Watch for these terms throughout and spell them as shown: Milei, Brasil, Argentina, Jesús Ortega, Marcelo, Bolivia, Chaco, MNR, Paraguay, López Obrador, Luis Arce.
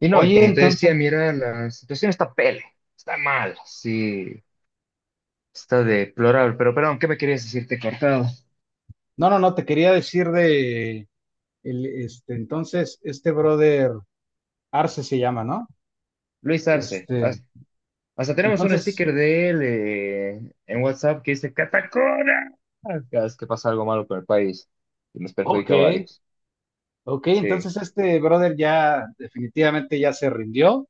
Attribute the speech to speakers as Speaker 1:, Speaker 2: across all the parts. Speaker 1: Y no, y
Speaker 2: Oye,
Speaker 1: como te
Speaker 2: entonces,
Speaker 1: decía, mira, la situación está pele, está mal, sí, está deplorable. Pero perdón, ¿qué me querías decirte cortado?
Speaker 2: no, no, no, te quería decir de, el, este, entonces, este brother Arce se llama, ¿no?
Speaker 1: Luis Arce,
Speaker 2: Este,
Speaker 1: hasta tenemos un
Speaker 2: entonces,
Speaker 1: sticker de él en WhatsApp que dice Catacora. Cada vez que pasa algo malo con el país y nos
Speaker 2: ok,
Speaker 1: perjudica a varios.
Speaker 2: ok,
Speaker 1: Sí,
Speaker 2: entonces este brother ya definitivamente ya se rindió.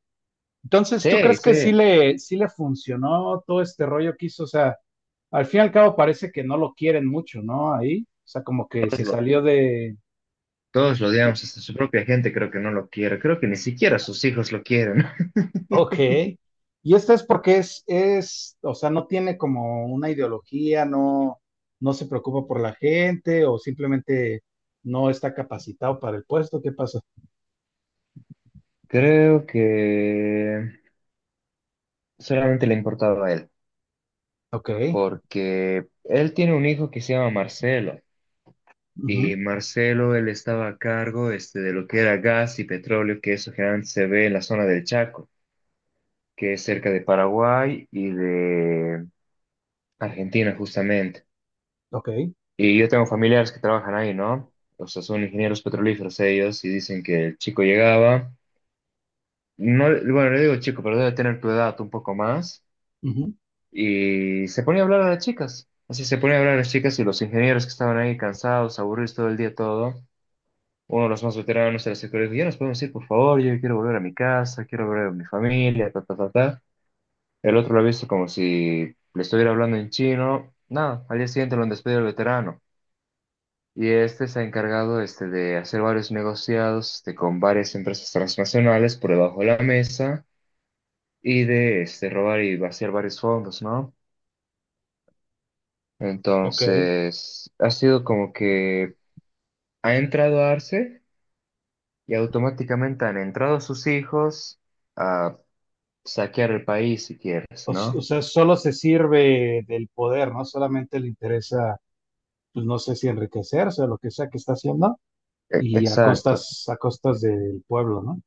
Speaker 2: Entonces, ¿tú
Speaker 1: sí,
Speaker 2: crees
Speaker 1: sí,
Speaker 2: que sí le funcionó todo este rollo que hizo? O sea, al fin y al cabo parece que no lo quieren mucho, ¿no? Ahí, o sea, como que
Speaker 1: todos
Speaker 2: se salió
Speaker 1: lo,
Speaker 2: de,
Speaker 1: todos lo odiamos, hasta su propia gente creo que no lo quiere, creo que ni siquiera sus hijos lo quieren.
Speaker 2: ok. Y este es porque es, o sea, no tiene como una ideología, no, no se preocupa por la gente o simplemente no está capacitado para el puesto. ¿Qué pasa?
Speaker 1: Creo que solamente le importaba a él.
Speaker 2: Ok.
Speaker 1: Porque él tiene un hijo que se llama Marcelo y
Speaker 2: Ujú.
Speaker 1: Marcelo él estaba a cargo de lo que era gas y petróleo, que eso generalmente se ve en la zona del Chaco, que es cerca de Paraguay y de Argentina justamente.
Speaker 2: Ok.
Speaker 1: Y yo tengo familiares que trabajan ahí, ¿no? O sea, son ingenieros petrolíferos ellos y dicen que el chico llegaba, no, bueno, le digo chico, pero debe tener tu edad un poco más.
Speaker 2: Ujú.
Speaker 1: Y se ponía a hablar a las chicas. Así se ponía a hablar a las chicas y los ingenieros que estaban ahí cansados, aburridos todo el día, todo. Uno de los más veteranos de la secundaria dijo, ya nos podemos ir, por favor, yo quiero volver a mi casa, quiero volver a mi familia, ta, ta, ta, ta. El otro lo ha visto como si le estuviera hablando en chino. Nada, al día siguiente lo han despedido el veterano. Y este se ha encargado de hacer varios negociados con varias empresas transnacionales por debajo de la mesa y de robar y vaciar varios fondos, ¿no?
Speaker 2: Ok.
Speaker 1: Entonces, ha sido como que ha entrado Arce y automáticamente han entrado sus hijos a saquear el país, si quieres,
Speaker 2: O
Speaker 1: ¿no?
Speaker 2: sea, solo se sirve del poder, ¿no? Solamente le interesa, pues no sé si enriquecerse o lo que sea que está haciendo y
Speaker 1: Exacto.
Speaker 2: a costas del pueblo, ¿no?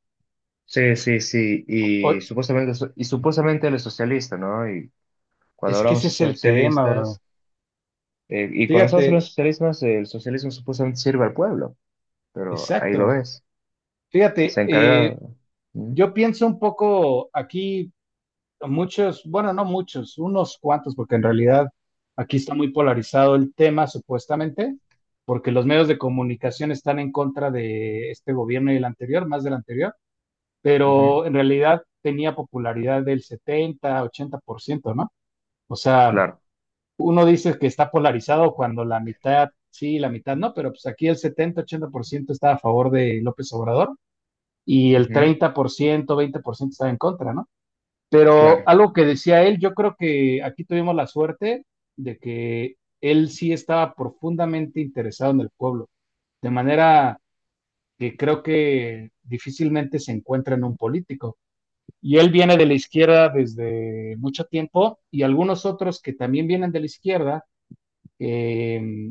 Speaker 1: Sí, sí, sí.
Speaker 2: Hoy,
Speaker 1: Y supuestamente, y supuestamente él es socialista, ¿no? Y cuando
Speaker 2: es que
Speaker 1: hablamos
Speaker 2: ese
Speaker 1: de
Speaker 2: es el tema, bro.
Speaker 1: socialistas, y cuando estamos hablando
Speaker 2: Fíjate,
Speaker 1: de socialistas, el socialismo supuestamente sirve al pueblo, pero ahí lo
Speaker 2: exacto.
Speaker 1: ves. Se
Speaker 2: Fíjate,
Speaker 1: encarga. Mm.
Speaker 2: yo pienso un poco aquí, muchos, bueno, no muchos, unos cuantos, porque en realidad aquí está muy polarizado el tema, supuestamente, porque los medios de comunicación están en contra de este gobierno y el anterior, más del anterior,
Speaker 1: Ujú.
Speaker 2: pero en realidad tenía popularidad del 70, 80%, ¿no? O sea,
Speaker 1: Claro.
Speaker 2: uno dice que está polarizado cuando la mitad sí, la mitad no, pero pues aquí el 70, 80% está a favor de López Obrador y el
Speaker 1: Ujú.
Speaker 2: 30% 20% estaba en contra, ¿no? Pero
Speaker 1: Claro.
Speaker 2: algo que decía él, yo creo que aquí tuvimos la suerte de que él sí estaba profundamente interesado en el pueblo, de manera que creo que difícilmente se encuentra en un político. Y él viene de la izquierda desde mucho tiempo y algunos otros que también vienen de la izquierda eh,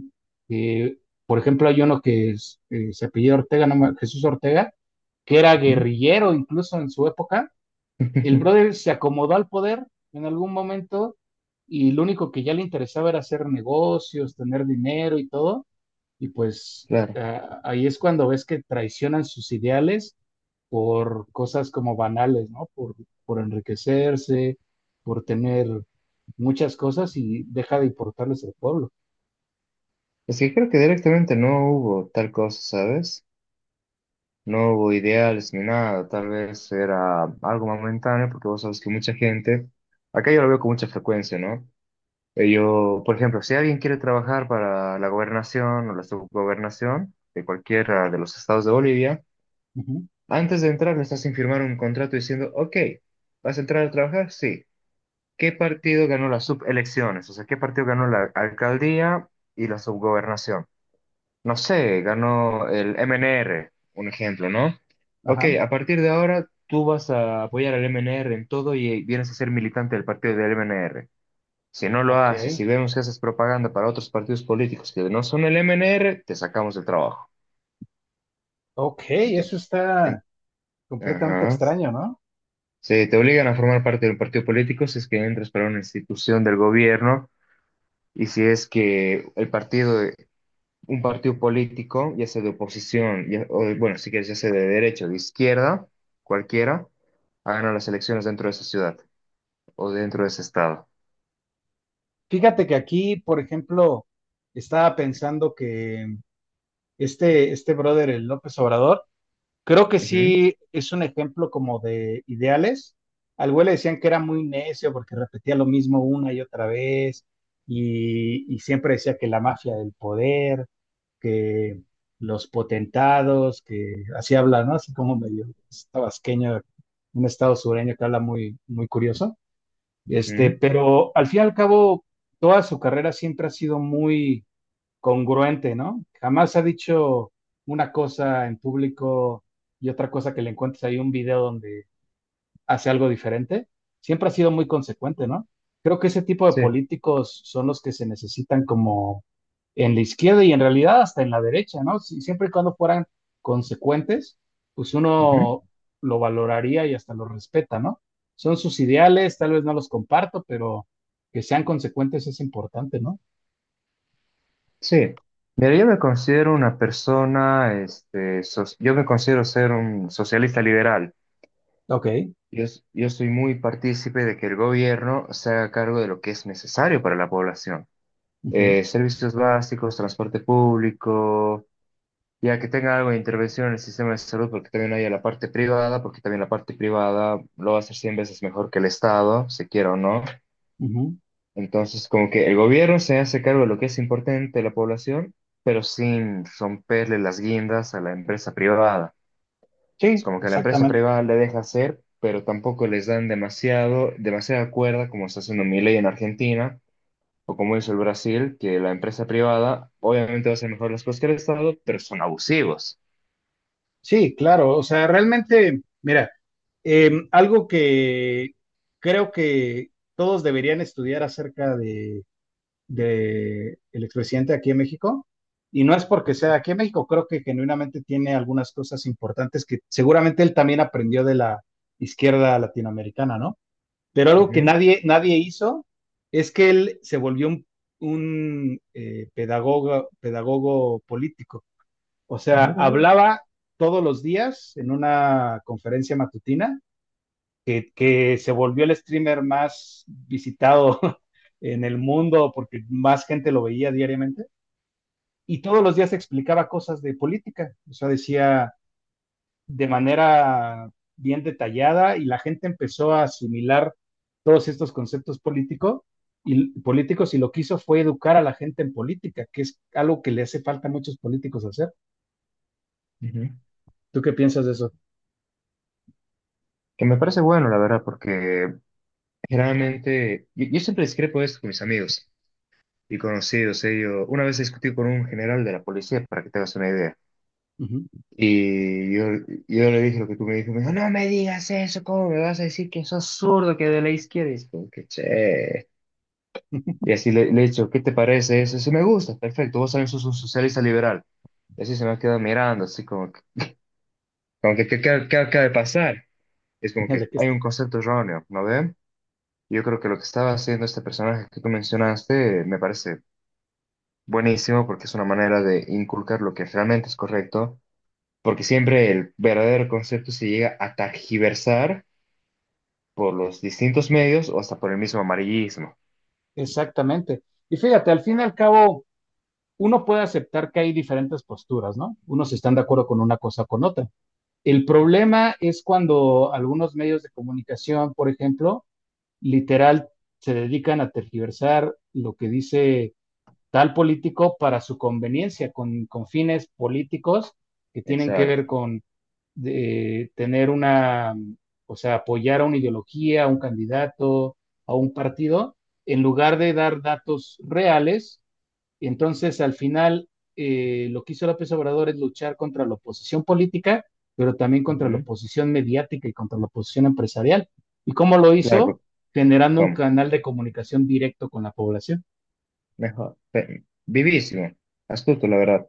Speaker 2: eh, por ejemplo, hay uno que es, se apellida Ortega, no Jesús Ortega, que era
Speaker 1: Ujú.
Speaker 2: guerrillero incluso en su época. El brother se acomodó al poder en algún momento y lo único que ya le interesaba era hacer negocios, tener dinero y todo. Y pues
Speaker 1: Claro.
Speaker 2: ahí es cuando ves que traicionan sus ideales por cosas como banales, ¿no? Por enriquecerse, por tener muchas cosas y deja de importarles el pueblo.
Speaker 1: Es que creo que directamente no hubo tal cosa, ¿sabes? No hubo ideales ni nada, tal vez era algo momentáneo, porque vos sabes que mucha gente, acá yo lo veo con mucha frecuencia, ¿no? Yo, por ejemplo, si alguien quiere trabajar para la gobernación o la subgobernación de cualquiera de los estados de Bolivia,
Speaker 2: Ujú.
Speaker 1: antes de entrar le estás sin firmar un contrato diciendo, ok, ¿vas a entrar a trabajar? Sí. ¿Qué partido ganó las subelecciones? O sea, ¿qué partido ganó la alcaldía y la subgobernación? No sé, ganó el MNR, un ejemplo, ¿no? Ok,
Speaker 2: Ajá.
Speaker 1: a partir de ahora tú vas a apoyar al MNR en todo y vienes a ser militante del partido del MNR. Si no lo
Speaker 2: Ok,
Speaker 1: haces, si vemos que haces propaganda para otros partidos políticos que no son el MNR, te sacamos del trabajo.
Speaker 2: ok, eso
Speaker 1: Entonces, en-
Speaker 2: está completamente
Speaker 1: ajá.
Speaker 2: extraño, ¿no?
Speaker 1: Sí, te obligan a formar parte de un partido político si es que entras para una institución del gobierno y si es que el partido un partido político, ya sea de oposición, bueno, si quieres, ya sea de derecha o de izquierda, cualquiera, hagan las elecciones dentro de esa ciudad o dentro de ese estado.
Speaker 2: Fíjate que aquí, por ejemplo, estaba pensando que este brother, el López Obrador, creo que sí es un ejemplo como de ideales. Al güey le decían que era muy necio porque repetía lo mismo una y otra vez y siempre decía que la mafia del poder, que los potentados, que así habla, ¿no? Así como medio tabasqueño, un estado sureño que habla muy, muy curioso.
Speaker 1: Ujú,
Speaker 2: Este,
Speaker 1: ujú,
Speaker 2: pero al fin y al cabo, toda su carrera siempre ha sido muy congruente, ¿no? Jamás ha dicho una cosa en público y otra cosa que le encuentres ahí un video donde hace algo diferente, siempre ha sido muy consecuente, ¿no? Creo que ese tipo de
Speaker 1: sí,
Speaker 2: políticos son los que se necesitan como en la izquierda y en realidad hasta en la derecha, ¿no? Siempre y cuando fueran consecuentes, pues
Speaker 1: ujú,
Speaker 2: uno lo valoraría y hasta lo respeta, ¿no? Son sus ideales, tal vez no los comparto, pero que sean consecuentes es importante, ¿no?
Speaker 1: sí. Mira, yo me considero una persona, este, yo me considero ser un socialista liberal.
Speaker 2: Ok.
Speaker 1: Yo, yo soy muy partícipe de que el gobierno se haga cargo de lo que es necesario para la población.
Speaker 2: Ujú,
Speaker 1: Servicios básicos, transporte público, ya que tenga algo de intervención en el sistema de salud, porque también haya la parte privada, porque también la parte privada lo va a hacer 100 veces mejor que el Estado, se quiera o no.
Speaker 2: ujú.
Speaker 1: Entonces, como que el gobierno se hace cargo de lo que es importante de la población, pero sin romperle las guindas a la empresa privada. Es
Speaker 2: Sí,
Speaker 1: como que la empresa
Speaker 2: exactamente.
Speaker 1: privada le deja hacer, pero tampoco les dan demasiado, demasiada cuerda, como está haciendo Milei en Argentina, o como hizo el Brasil, que la empresa privada obviamente va a hacer mejor las cosas que el Estado, pero son abusivos.
Speaker 2: Sí, claro. O sea, realmente, mira. Algo que creo que todos deberían estudiar acerca de, el expresidente aquí en México, y no es porque sea aquí en México, creo que genuinamente tiene algunas cosas importantes que seguramente él también aprendió de la izquierda latinoamericana, ¿no? Pero algo que
Speaker 1: Ujú.
Speaker 2: nadie, nadie hizo es que él se volvió un, un pedagogo político. O sea,
Speaker 1: Mira vos.
Speaker 2: hablaba todos los días en una conferencia matutina que se volvió el streamer más visitado en el mundo porque más gente lo veía diariamente. Y todos los días explicaba cosas de política. O sea, decía de manera bien detallada y la gente empezó a asimilar todos estos conceptos políticos y lo que hizo fue educar a la gente en política, que es algo que le hace falta a muchos políticos hacer.
Speaker 1: Ujú.
Speaker 2: ¿Tú qué piensas de eso?
Speaker 1: Que me parece bueno, la verdad, porque generalmente yo siempre discrepo esto con mis amigos y conocidos. Eh, una vez discutí con un general de la policía, para que te hagas una idea,
Speaker 2: Uh
Speaker 1: y yo, le dije lo que tú me dijiste, me dijo, no me digas eso, ¿cómo me vas a decir que sos zurdo, que de la izquierda? Y es como que, che. Y así le he dicho, ¿qué te parece eso? Si me gusta, perfecto, vos también sos un socialista liberal. Y así se me ha quedado mirando, así como que, ¿ qué acaba de pasar? Es como que
Speaker 2: ¿De qué? Es?
Speaker 1: hay un concepto erróneo, ¿no ve? Yo creo que lo que estaba haciendo este personaje que tú mencionaste me parece buenísimo porque es una manera de inculcar lo que realmente es correcto, porque siempre el verdadero concepto se llega a tergiversar por los distintos medios o hasta por el mismo amarillismo.
Speaker 2: Exactamente. Y fíjate, al fin y al cabo, uno puede aceptar que hay diferentes posturas, ¿no? Unos están de acuerdo con una cosa o con otra. El problema es cuando algunos medios de comunicación, por ejemplo, literal se dedican a tergiversar lo que dice tal político para su conveniencia, con fines políticos que tienen que ver
Speaker 1: Exacto.
Speaker 2: con tener una, o sea, apoyar a una ideología, a un candidato, a un partido, en lugar de dar datos reales y entonces, al final, lo que hizo López Obrador es luchar contra la oposición política, pero también contra la
Speaker 1: Ujú.
Speaker 2: oposición mediática y contra la oposición empresarial. ¿Y cómo lo
Speaker 1: Claro,
Speaker 2: hizo?
Speaker 1: porque-
Speaker 2: Generando un
Speaker 1: ¿Cómo?
Speaker 2: canal de comunicación directo con la población.
Speaker 1: Mejor. Vivísimo. Astuto, la verdad.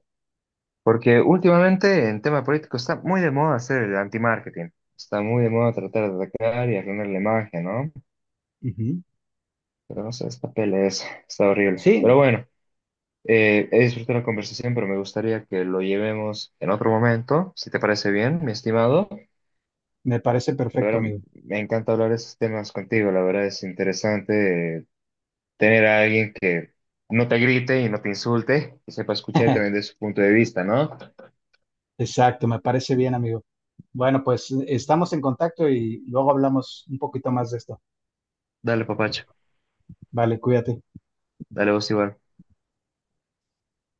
Speaker 1: Porque últimamente en tema político está muy de moda hacer el anti-marketing. Está muy de moda tratar de atacar y arruinar la imagen, ¿no?
Speaker 2: Uh -huh.
Speaker 1: Pero no sé, esta está horrible.
Speaker 2: Sí,
Speaker 1: Pero bueno, he disfrutado la conversación, pero me gustaría que lo llevemos en otro momento, si te parece bien, mi estimado.
Speaker 2: me parece
Speaker 1: Pero
Speaker 2: perfecto,
Speaker 1: ahora
Speaker 2: amigo.
Speaker 1: me encanta hablar de estos temas contigo, la verdad es interesante tener a alguien que no te grite y no te insulte, que sepa escuchar también de su punto de vista, ¿no?
Speaker 2: Exacto, me parece bien, amigo. Bueno, pues estamos en contacto y luego hablamos un poquito más de esto.
Speaker 1: Dale, papacho,
Speaker 2: Vale, cuídate.
Speaker 1: dale vos igual.